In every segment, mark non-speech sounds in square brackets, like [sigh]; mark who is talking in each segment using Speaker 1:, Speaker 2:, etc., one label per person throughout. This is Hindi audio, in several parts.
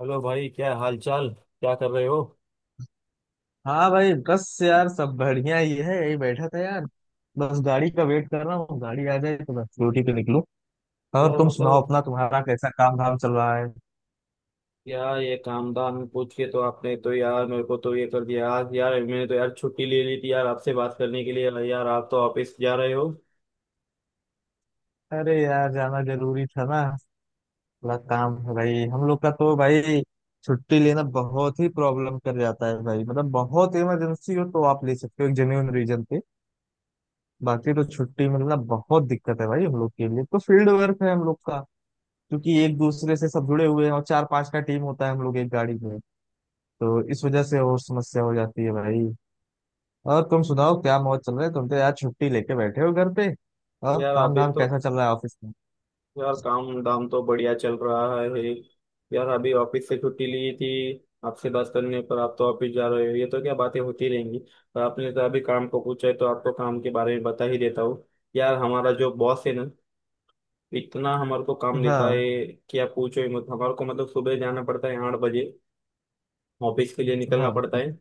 Speaker 1: हेलो भाई, क्या हाल चाल? क्या कर रहे हो?
Speaker 2: हाँ भाई, बस यार सब बढ़िया ही है। यही बैठा था यार, बस गाड़ी का वेट कर रहा हूँ। गाड़ी आ जाए तो बस ड्यूटी पे निकलूं। और
Speaker 1: यार
Speaker 2: तुम
Speaker 1: मतलब,
Speaker 2: सुनाओ अपना, तुम्हारा कैसा काम धाम चल रहा है।
Speaker 1: यार ये काम धाम पूछ के तो आपने तो यार मेरे को तो ये कर दिया आज। यार मैंने तो यार छुट्टी ले ली थी यार आपसे बात करने के लिए, यार आप तो ऑफिस जा रहे हो।
Speaker 2: अरे यार, जाना जरूरी था ना। थोड़ा काम है भाई हम लोग का तो भाई। छुट्टी लेना बहुत ही प्रॉब्लम कर जाता है भाई। मतलब बहुत इमरजेंसी हो तो आप ले सकते हो एक जेन्युइन रीजन पे। बाकी तो छुट्टी मिलना बहुत दिक्कत है भाई हम लोग के लिए। तो फील्ड वर्क है हम लोग का, क्योंकि एक दूसरे से सब जुड़े हुए हैं और चार पांच का टीम होता है हम लोग एक गाड़ी में। तो इस वजह से और समस्या हो जाती है भाई। और तुम सुनाओ क्या मौज चल रहा है। तुम तो यार छुट्टी लेके बैठे हो घर पे। और
Speaker 1: यार
Speaker 2: काम
Speaker 1: अभी
Speaker 2: धाम
Speaker 1: तो,
Speaker 2: कैसा चल रहा है ऑफिस में।
Speaker 1: यार काम धाम तो बढ़िया चल रहा है। यार अभी ऑफिस से छुट्टी ली थी आपसे बात करने पर, आप तो ऑफिस जा रहे हो, ये तो क्या बातें होती रहेंगी। पर आपने तो अभी काम को पूछा है तो आपको काम के बारे में बता ही देता हूँ। यार हमारा जो बॉस है ना, इतना हमारे को काम देता है
Speaker 2: हाँ
Speaker 1: कि आप पूछो ही मत हमारे को। मतलब सुबह जाना पड़ता है 8 बजे, ऑफिस के लिए निकलना पड़ता
Speaker 2: हाँ।
Speaker 1: है।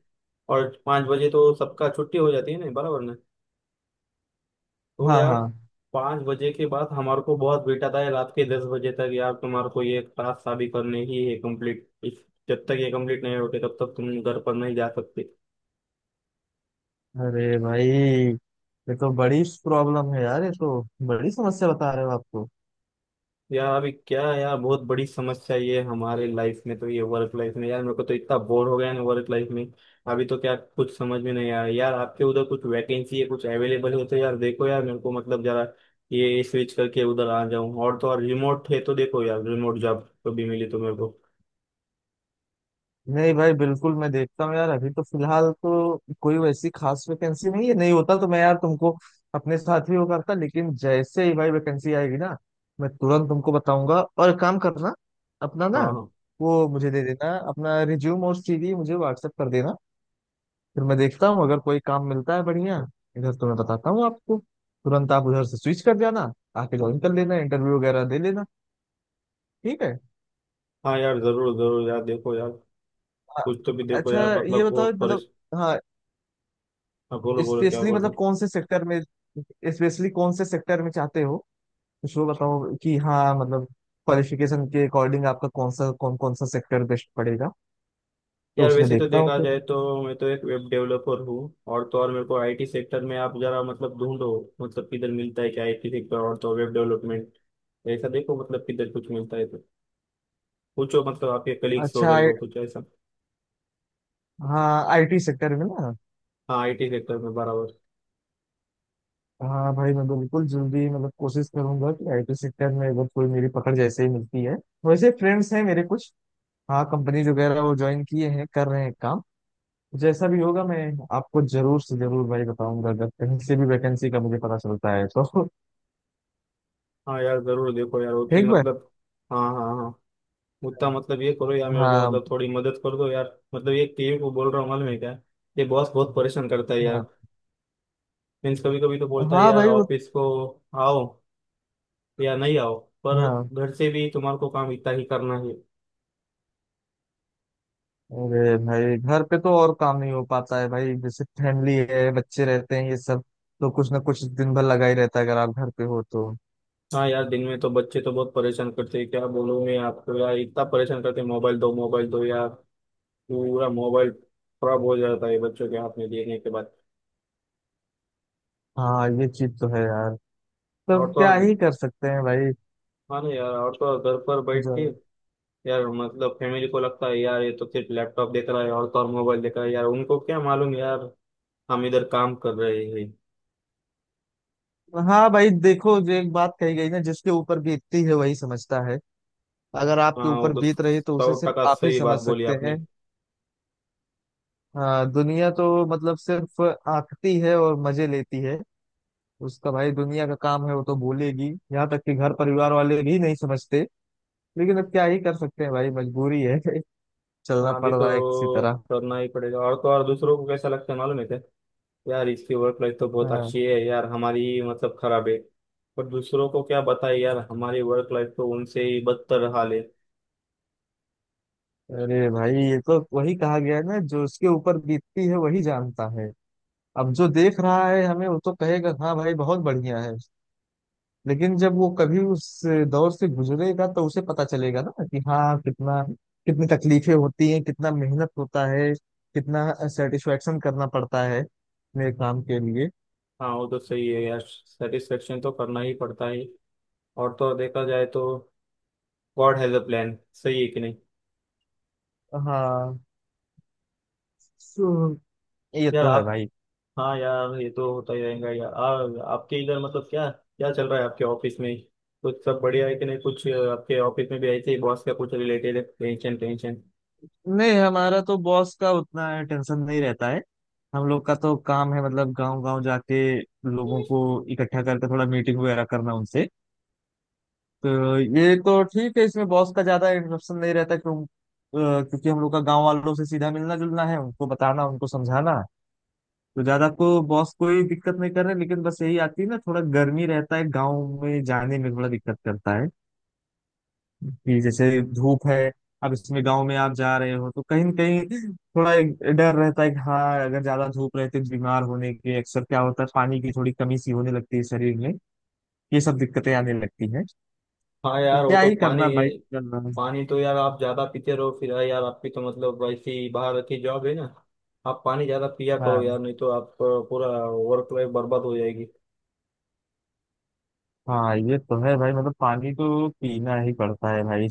Speaker 1: और 5 बजे तो सबका छुट्टी हो जाती है ना, बराबर ना? तो
Speaker 2: हाँ।
Speaker 1: यार
Speaker 2: हाँ।
Speaker 1: 5 बजे के बाद हमारे को बहुत बिठाता है, रात के 10 बजे तक। यार तुम्हारे को ये टास्क अभी करने ही है कंप्लीट इस, जब तक ये कंप्लीट नहीं होते तब तक तुम घर पर नहीं जा सकते।
Speaker 2: अरे भाई, ये तो बड़ी प्रॉब्लम है यार। ये तो बड़ी समस्या बता रहे हो आप तो।
Speaker 1: यार अभी क्या है यार, बहुत बड़ी समस्या ये हमारे लाइफ में तो, ये वर्क लाइफ में, यार मेरे को तो इतना बोर हो गया ना वर्क लाइफ में। अभी तो क्या कुछ समझ में नहीं आया यार। आपके उधर कुछ वैकेंसी है, कुछ अवेलेबल हो तो यार देखो यार मेरे को, मतलब जरा ये स्विच करके उधर आ जाऊं। और तो और रिमोट है तो देखो यार, रिमोट जॉब कभी मिली तो मेरे को।
Speaker 2: नहीं भाई, बिल्कुल मैं देखता हूँ यार। अभी तो फिलहाल तो कोई वैसी खास वैकेंसी नहीं है। नहीं होता तो मैं यार तुमको अपने साथ ही वो करता, लेकिन जैसे ही भाई वैकेंसी आएगी ना मैं तुरंत तुमको बताऊंगा। और एक काम करना अपना ना,
Speaker 1: हाँ हाँ
Speaker 2: वो मुझे दे देना अपना रिज्यूम और सीवी, मुझे व्हाट्सएप कर देना। फिर मैं देखता हूँ, अगर कोई काम मिलता है बढ़िया इधर तो मैं बताता हूँ आपको। तुरंत आप उधर से स्विच कर जाना, आके ज्वाइन कर लेना, इंटरव्यू वगैरह दे लेना। ठीक है।
Speaker 1: हाँ। यार जरूर जरूर यार, देखो यार,
Speaker 2: हाँ।
Speaker 1: कुछ तो भी देखो
Speaker 2: अच्छा,
Speaker 1: यार,
Speaker 2: ये
Speaker 1: मतलब
Speaker 2: बताओ
Speaker 1: बहुत
Speaker 2: मतलब।
Speaker 1: परेशान।
Speaker 2: हाँ।
Speaker 1: बोलो बोलो, क्या
Speaker 2: स्पेशली
Speaker 1: बोल रहे
Speaker 2: मतलब
Speaker 1: हो?
Speaker 2: कौन से सेक्टर में, स्पेशली कौन से सेक्टर में चाहते हो। कुछ वो बताओ कि हाँ मतलब क्वालिफिकेशन के अकॉर्डिंग आपका कौन सा, कौन कौन सा सेक्टर बेस्ट पड़ेगा, तो
Speaker 1: यार
Speaker 2: उसमें
Speaker 1: वैसे तो
Speaker 2: देखता हूँ
Speaker 1: देखा
Speaker 2: फिर।
Speaker 1: जाए तो, मैं तो एक वेब डेवलपर हूँ। और तो और मेरे को आईटी सेक्टर में आप जरा मतलब ढूंढो। मतलब किधर मिलता है क्या आईटी सेक्टर, और तो वेब डेवलपमेंट, ऐसा देखो मतलब किधर कुछ मिलता है तो पूछो, मतलब आपके कलीग्स
Speaker 2: अच्छा।
Speaker 1: वगैरह
Speaker 2: I,
Speaker 1: को, कुछ ऐसा।
Speaker 2: हाँ आईटी सेक्टर में ना।
Speaker 1: हाँ आईटी सेक्टर में बराबर।
Speaker 2: हाँ भाई, मैं बिल्कुल जल्दी मतलब कोशिश करूंगा कि आईटी सेक्टर में अगर कोई मेरी पकड़ जैसे ही मिलती है। वैसे फ्रेंड्स हैं मेरे कुछ, हाँ कंपनीज वगैरह वो ज्वाइन किए हैं, कर रहे हैं काम। जैसा भी होगा मैं आपको जरूर से जरूर भाई बताऊंगा, अगर कहीं से भी वैकेंसी का मुझे पता चलता है तो।
Speaker 1: हाँ यार जरूर देखो यार
Speaker 2: [laughs]
Speaker 1: उसकी,
Speaker 2: ठीक।
Speaker 1: मतलब। हाँ हाँ हाँ। उतना मतलब ये करो यार, मेरे को
Speaker 2: हाँ।
Speaker 1: मतलब थोड़ी मदद कर दो यार। मतलब ये टीम को बोल रहा हूँ, मालूम है क्या? ये बॉस बहुत परेशान करता है यार।
Speaker 2: हाँ
Speaker 1: मीन्स कभी कभी तो बोलता है
Speaker 2: हाँ
Speaker 1: यार
Speaker 2: भाई वो।
Speaker 1: ऑफिस को, आओ या नहीं आओ, पर
Speaker 2: हाँ।
Speaker 1: घर से भी तुम्हारे को काम इतना ही करना है।
Speaker 2: अरे भाई, घर पे तो और काम नहीं हो पाता है भाई। जैसे फैमिली है, बच्चे रहते हैं ये सब, तो कुछ ना कुछ दिन भर लगा ही रहता है अगर आप घर पे हो तो।
Speaker 1: हाँ यार दिन में तो बच्चे तो बहुत परेशान करते हैं, क्या बोलूं मैं आपको यार, इतना परेशान करते हैं, मोबाइल दो यार। पूरा मोबाइल खराब हो जाता है बच्चों के हाथ में देने के बाद।
Speaker 2: हाँ ये चीज तो है यार। तो
Speaker 1: और तो
Speaker 2: क्या
Speaker 1: और-
Speaker 2: ही कर सकते हैं भाई।
Speaker 1: हाँ ना यार, और तो और घर पर बैठ
Speaker 2: जो,
Speaker 1: के, यार मतलब फैमिली को लगता है यार ये तो सिर्फ लैपटॉप देख रहा है, और तो और मोबाइल देख रहा है यार, उनको क्या मालूम यार हम इधर काम कर रहे हैं।
Speaker 2: हाँ भाई देखो, जो एक बात कही गई ना, जिसके ऊपर बीतती है वही समझता है। अगर आपके
Speaker 1: हाँ, वो
Speaker 2: ऊपर
Speaker 1: तो
Speaker 2: बीत रही तो
Speaker 1: सौ
Speaker 2: उसे
Speaker 1: टका
Speaker 2: सिर्फ आप ही
Speaker 1: सही बात
Speaker 2: समझ
Speaker 1: बोली
Speaker 2: सकते हैं।
Speaker 1: आपने।
Speaker 2: हाँ दुनिया तो मतलब सिर्फ आंकती है और मजे लेती है उसका। भाई दुनिया का काम है, वो तो बोलेगी। यहाँ तक कि घर परिवार वाले भी नहीं समझते, लेकिन अब क्या ही कर सकते हैं भाई, मजबूरी है। [laughs] चलना
Speaker 1: हाँ अभी
Speaker 2: पड़ रहा है किसी
Speaker 1: तो
Speaker 2: तरह।
Speaker 1: करना ही पड़ेगा। और तो और दूसरों को कैसा लगता है मालूम है क्या? यार इसकी वर्क लाइफ तो बहुत
Speaker 2: हाँ।
Speaker 1: अच्छी है यार, हमारी मतलब खराब है। पर दूसरों को क्या बताए यार हमारी वर्क लाइफ तो उनसे ही बदतर हाल है।
Speaker 2: अरे भाई, ये तो वही कहा गया है ना, जो उसके ऊपर बीतती है वही जानता है। अब जो देख रहा है हमें वो तो कहेगा हाँ भाई बहुत बढ़िया है, लेकिन जब वो कभी उस दौर से गुजरेगा तो उसे पता चलेगा ना कि हाँ कितना, कितनी तकलीफें होती हैं, कितना मेहनत होता है, कितना सेटिस्फेक्शन करना पड़ता है अपने काम के लिए।
Speaker 1: हाँ वो तो सही है यार, सेटिस्फेक्शन तो करना ही पड़ता है। और तो और देखा जाए तो, गॉड हैज अ प्लान। सही है कि नहीं?
Speaker 2: हाँ। सो- ये
Speaker 1: यार
Speaker 2: तो है
Speaker 1: आप,
Speaker 2: भाई।
Speaker 1: हाँ यार ये तो होता ही रहेगा यार। आपके इधर मतलब क्या क्या चल रहा है आपके ऑफिस में? कुछ सब बढ़िया है कि नहीं? कुछ आपके ऑफिस में भी ऐसे ही बॉस का कुछ रिलेटेड है, टेंशन टेंशन?
Speaker 2: नहीं, हमारा तो बॉस का उतना टेंशन नहीं रहता है। हम लोग का तो काम है मतलब गांव गांव जाके लोगों को इकट्ठा करके थोड़ा मीटिंग वगैरह करना उनसे। तो ये तो ठीक है, इसमें बॉस का ज्यादा इंटरप्शन नहीं रहता। क्यों? क्योंकि हम लोग का गांव वालों से सीधा मिलना जुलना है, उनको बताना, उनको समझाना। तो ज्यादा को बॉस कोई दिक्कत नहीं कर रहे, लेकिन बस यही आती है ना, थोड़ा गर्मी रहता है गाँव में जाने में थोड़ा दिक्कत करता है, कि जैसे धूप है। अब इसमें गांव में आप जा रहे हो तो कहीं ना कहीं थोड़ा एक डर रहता है कि हाँ, अगर ज्यादा धूप रहती है तो बीमार होने के अक्सर क्या होता है, पानी की थोड़ी कमी सी होने लगती है शरीर में, ये सब दिक्कतें आने लगती हैं।
Speaker 1: हाँ
Speaker 2: तो
Speaker 1: यार वो
Speaker 2: क्या
Speaker 1: तो
Speaker 2: ही
Speaker 1: पानी,
Speaker 2: करना भाई, चल रहा है।
Speaker 1: पानी तो यार आप ज्यादा पीते रहो फिर। हाँ यार आपकी तो मतलब ऐसी बाहर की जॉब है ना, आप पानी ज्यादा पिया करो
Speaker 2: हाँ।
Speaker 1: यार, नहीं तो आप पूरा वर्क लाइफ बर्बाद हो जाएगी।
Speaker 2: हाँ ये तो है भाई। मतलब पानी तो पीना ही पड़ता है भाई।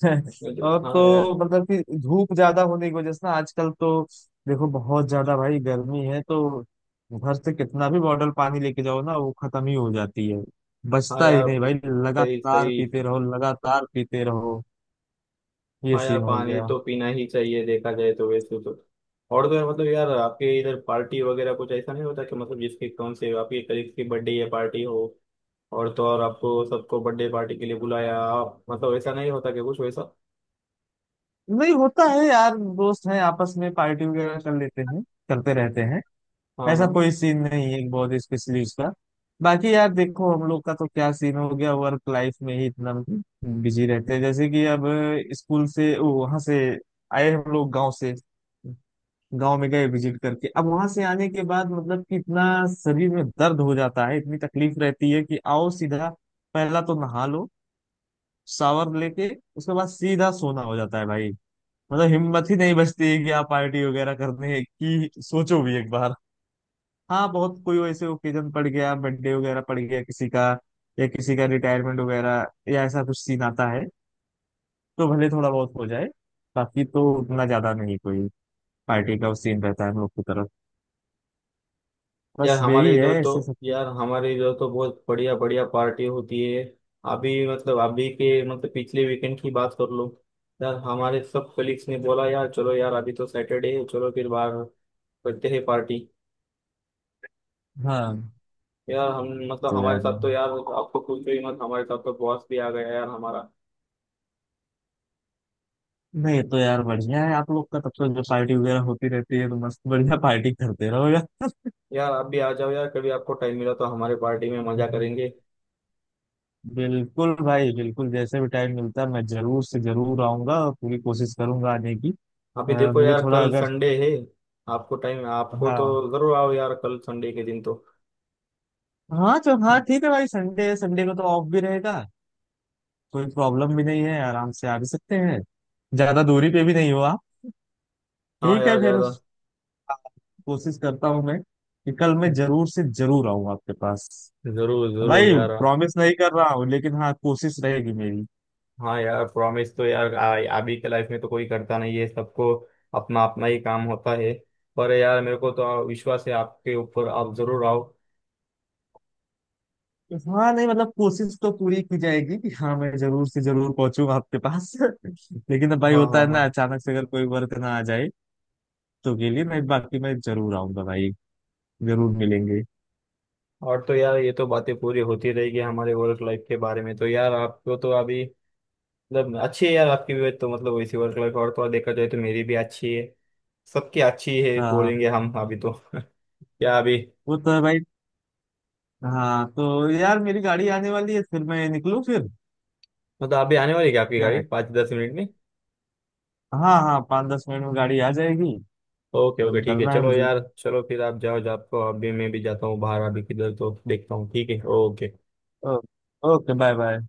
Speaker 2: [laughs] और
Speaker 1: हाँ यार।
Speaker 2: तो मतलब कि धूप ज्यादा होने की वजह से ना आजकल तो, देखो बहुत ज्यादा भाई गर्मी है। तो घर से कितना भी बॉटल पानी लेके जाओ ना वो खत्म ही हो जाती है,
Speaker 1: हाँ
Speaker 2: बचता ही
Speaker 1: यार।
Speaker 2: नहीं भाई।
Speaker 1: सही
Speaker 2: लगातार
Speaker 1: सही।
Speaker 2: पीते रहो, लगातार पीते रहो। ये
Speaker 1: हाँ यार
Speaker 2: सीन हो
Speaker 1: पानी
Speaker 2: गया।
Speaker 1: तो पीना ही चाहिए, देखा जाए तो वैसे तो। और तो यार मतलब यार आपके इधर पार्टी वगैरह कुछ ऐसा नहीं होता कि मतलब जिसके कौन से आपके कलीग्स की बर्थडे या पार्टी हो, और तो और आपको सबको बर्थडे पार्टी के लिए बुलाया, आप मतलब ऐसा नहीं होता कि कुछ वैसा?
Speaker 2: नहीं होता है यार। दोस्त हैं आपस में, पार्टी वगैरह कर लेते हैं, करते रहते हैं।
Speaker 1: हाँ
Speaker 2: ऐसा
Speaker 1: हाँ।
Speaker 2: कोई सीन नहीं है बहुत स्पेशली उसका। बाकी यार देखो हम लोग का तो क्या सीन हो गया, वर्क लाइफ में ही इतना बिजी रहते हैं। जैसे कि अब स्कूल से वहां से आए हम लोग गांव से, गांव में गए विजिट करके, अब वहां से आने के बाद मतलब कि इतना शरीर में दर्द हो जाता है, इतनी तकलीफ रहती है कि आओ सीधा, पहला तो नहा लो शावर लेके, उसके बाद सीधा सोना हो जाता है भाई। मतलब हिम्मत ही नहीं बचती है कि आप पार्टी वगैरह करने की सोचो भी एक बार। हाँ बहुत कोई वैसे ओकेजन पड़ गया, बर्थडे वगैरह पड़ गया किसी का, या किसी का रिटायरमेंट वगैरह, या ऐसा कुछ सीन आता है तो भले थोड़ा बहुत हो जाए। बाकी तो उतना ज्यादा नहीं कोई पार्टी का वो सीन रहता है हम लोग की तरफ।
Speaker 1: यार
Speaker 2: बस यही
Speaker 1: हमारे
Speaker 2: है
Speaker 1: इधर तो,
Speaker 2: ऐसे सब कुछ।
Speaker 1: यार हमारे इधर तो बहुत बढ़िया बढ़िया पार्टी होती है। अभी मतलब अभी के मतलब पिछले वीकेंड की बात कर लो, यार हमारे सब कलीग्स ने बोला यार चलो यार अभी तो सैटरडे है, चलो फिर बाहर करते हैं पार्टी।
Speaker 2: हाँ
Speaker 1: यार हम मतलब
Speaker 2: तो
Speaker 1: हमारे
Speaker 2: यार,
Speaker 1: साथ तो
Speaker 2: नहीं
Speaker 1: यार आपको पूछो ही मत, हमारे साथ तो बॉस भी आ गया यार हमारा।
Speaker 2: नहीं, तो यार बढ़िया है आप लोग का तब तो, जो पार्टी वगैरह होती रहती है तो मस्त बढ़िया पार्टी करते रहो यार।
Speaker 1: यार आप भी आ जाओ यार, कभी आपको टाइम मिला तो हमारे पार्टी में मजा करेंगे।
Speaker 2: [laughs] बिल्कुल भाई, बिल्कुल जैसे भी टाइम मिलता है मैं जरूर से जरूर आऊंगा और पूरी कोशिश करूंगा आने की।
Speaker 1: अभी देखो
Speaker 2: मुझे
Speaker 1: यार
Speaker 2: थोड़ा
Speaker 1: कल
Speaker 2: अगर,
Speaker 1: संडे है, आपको टाइम आपको तो
Speaker 2: हाँ
Speaker 1: जरूर आओ यार, कल संडे के दिन तो।
Speaker 2: हाँ चल हाँ ठीक है भाई, संडे संडे को तो ऑफ भी रहेगा, कोई प्रॉब्लम भी नहीं है, आराम से आ भी सकते हैं। ज्यादा दूरी पे भी नहीं हो आप।
Speaker 1: हाँ
Speaker 2: ठीक है
Speaker 1: यार
Speaker 2: फिर,
Speaker 1: ज्यादा।
Speaker 2: कोशिश करता हूँ मैं कि कल मैं जरूर से जरूर आऊँ आपके पास
Speaker 1: जरूर जरूर
Speaker 2: भाई।
Speaker 1: यार।
Speaker 2: प्रॉमिस नहीं कर रहा हूँ, लेकिन हाँ कोशिश रहेगी मेरी।
Speaker 1: हाँ यार प्रॉमिस तो यार अभी के लाइफ में तो कोई करता नहीं है, सबको अपना अपना ही काम होता है। पर यार मेरे को तो विश्वास है आपके ऊपर, आप जरूर आओ।
Speaker 2: हाँ नहीं, मतलब कोशिश तो पूरी की जाएगी कि हाँ मैं जरूर से जरूर पहुंचूंगा आपके पास। [laughs] लेकिन अब भाई
Speaker 1: हाँ
Speaker 2: होता
Speaker 1: हाँ
Speaker 2: है
Speaker 1: हाँ।
Speaker 2: ना, अचानक से अगर कोई वर्क ना आ जाए तो, के लिए मैं, बाकी मैं जरूर आऊंगा भाई, जरूर मिलेंगे।
Speaker 1: और तो यार ये तो बातें पूरी होती रहेगी हमारे वर्क लाइफ के बारे में, तो यार आपको तो अभी मतलब अच्छी है यार आपकी भी तो, मतलब वैसी वर्क लाइफ, और तो और देखा जाए तो मेरी भी अच्छी है, सबकी अच्छी है
Speaker 2: हाँ
Speaker 1: बोलेंगे हम अभी तो। [laughs] क्या अभी,
Speaker 2: वो तो है भाई। हाँ तो यार, मेरी गाड़ी आने वाली है, फिर मैं निकलूँ फिर।
Speaker 1: मतलब अभी आने वाली है क्या आपकी
Speaker 2: क्या
Speaker 1: गाड़ी,
Speaker 2: कहते,
Speaker 1: 5-10 मिनट में?
Speaker 2: हाँ हाँ 5 10 मिनट में गाड़ी आ जाएगी।
Speaker 1: ओके
Speaker 2: तो
Speaker 1: ओके ठीक है,
Speaker 2: निकलना है
Speaker 1: चलो
Speaker 2: मुझे।
Speaker 1: यार चलो फिर आप जाओ जाओ, आपको अभी मैं भी जाता हूँ बाहर अभी, किधर तो देखता हूँ, ठीक है, okay.
Speaker 2: Oh, okay, bye bye.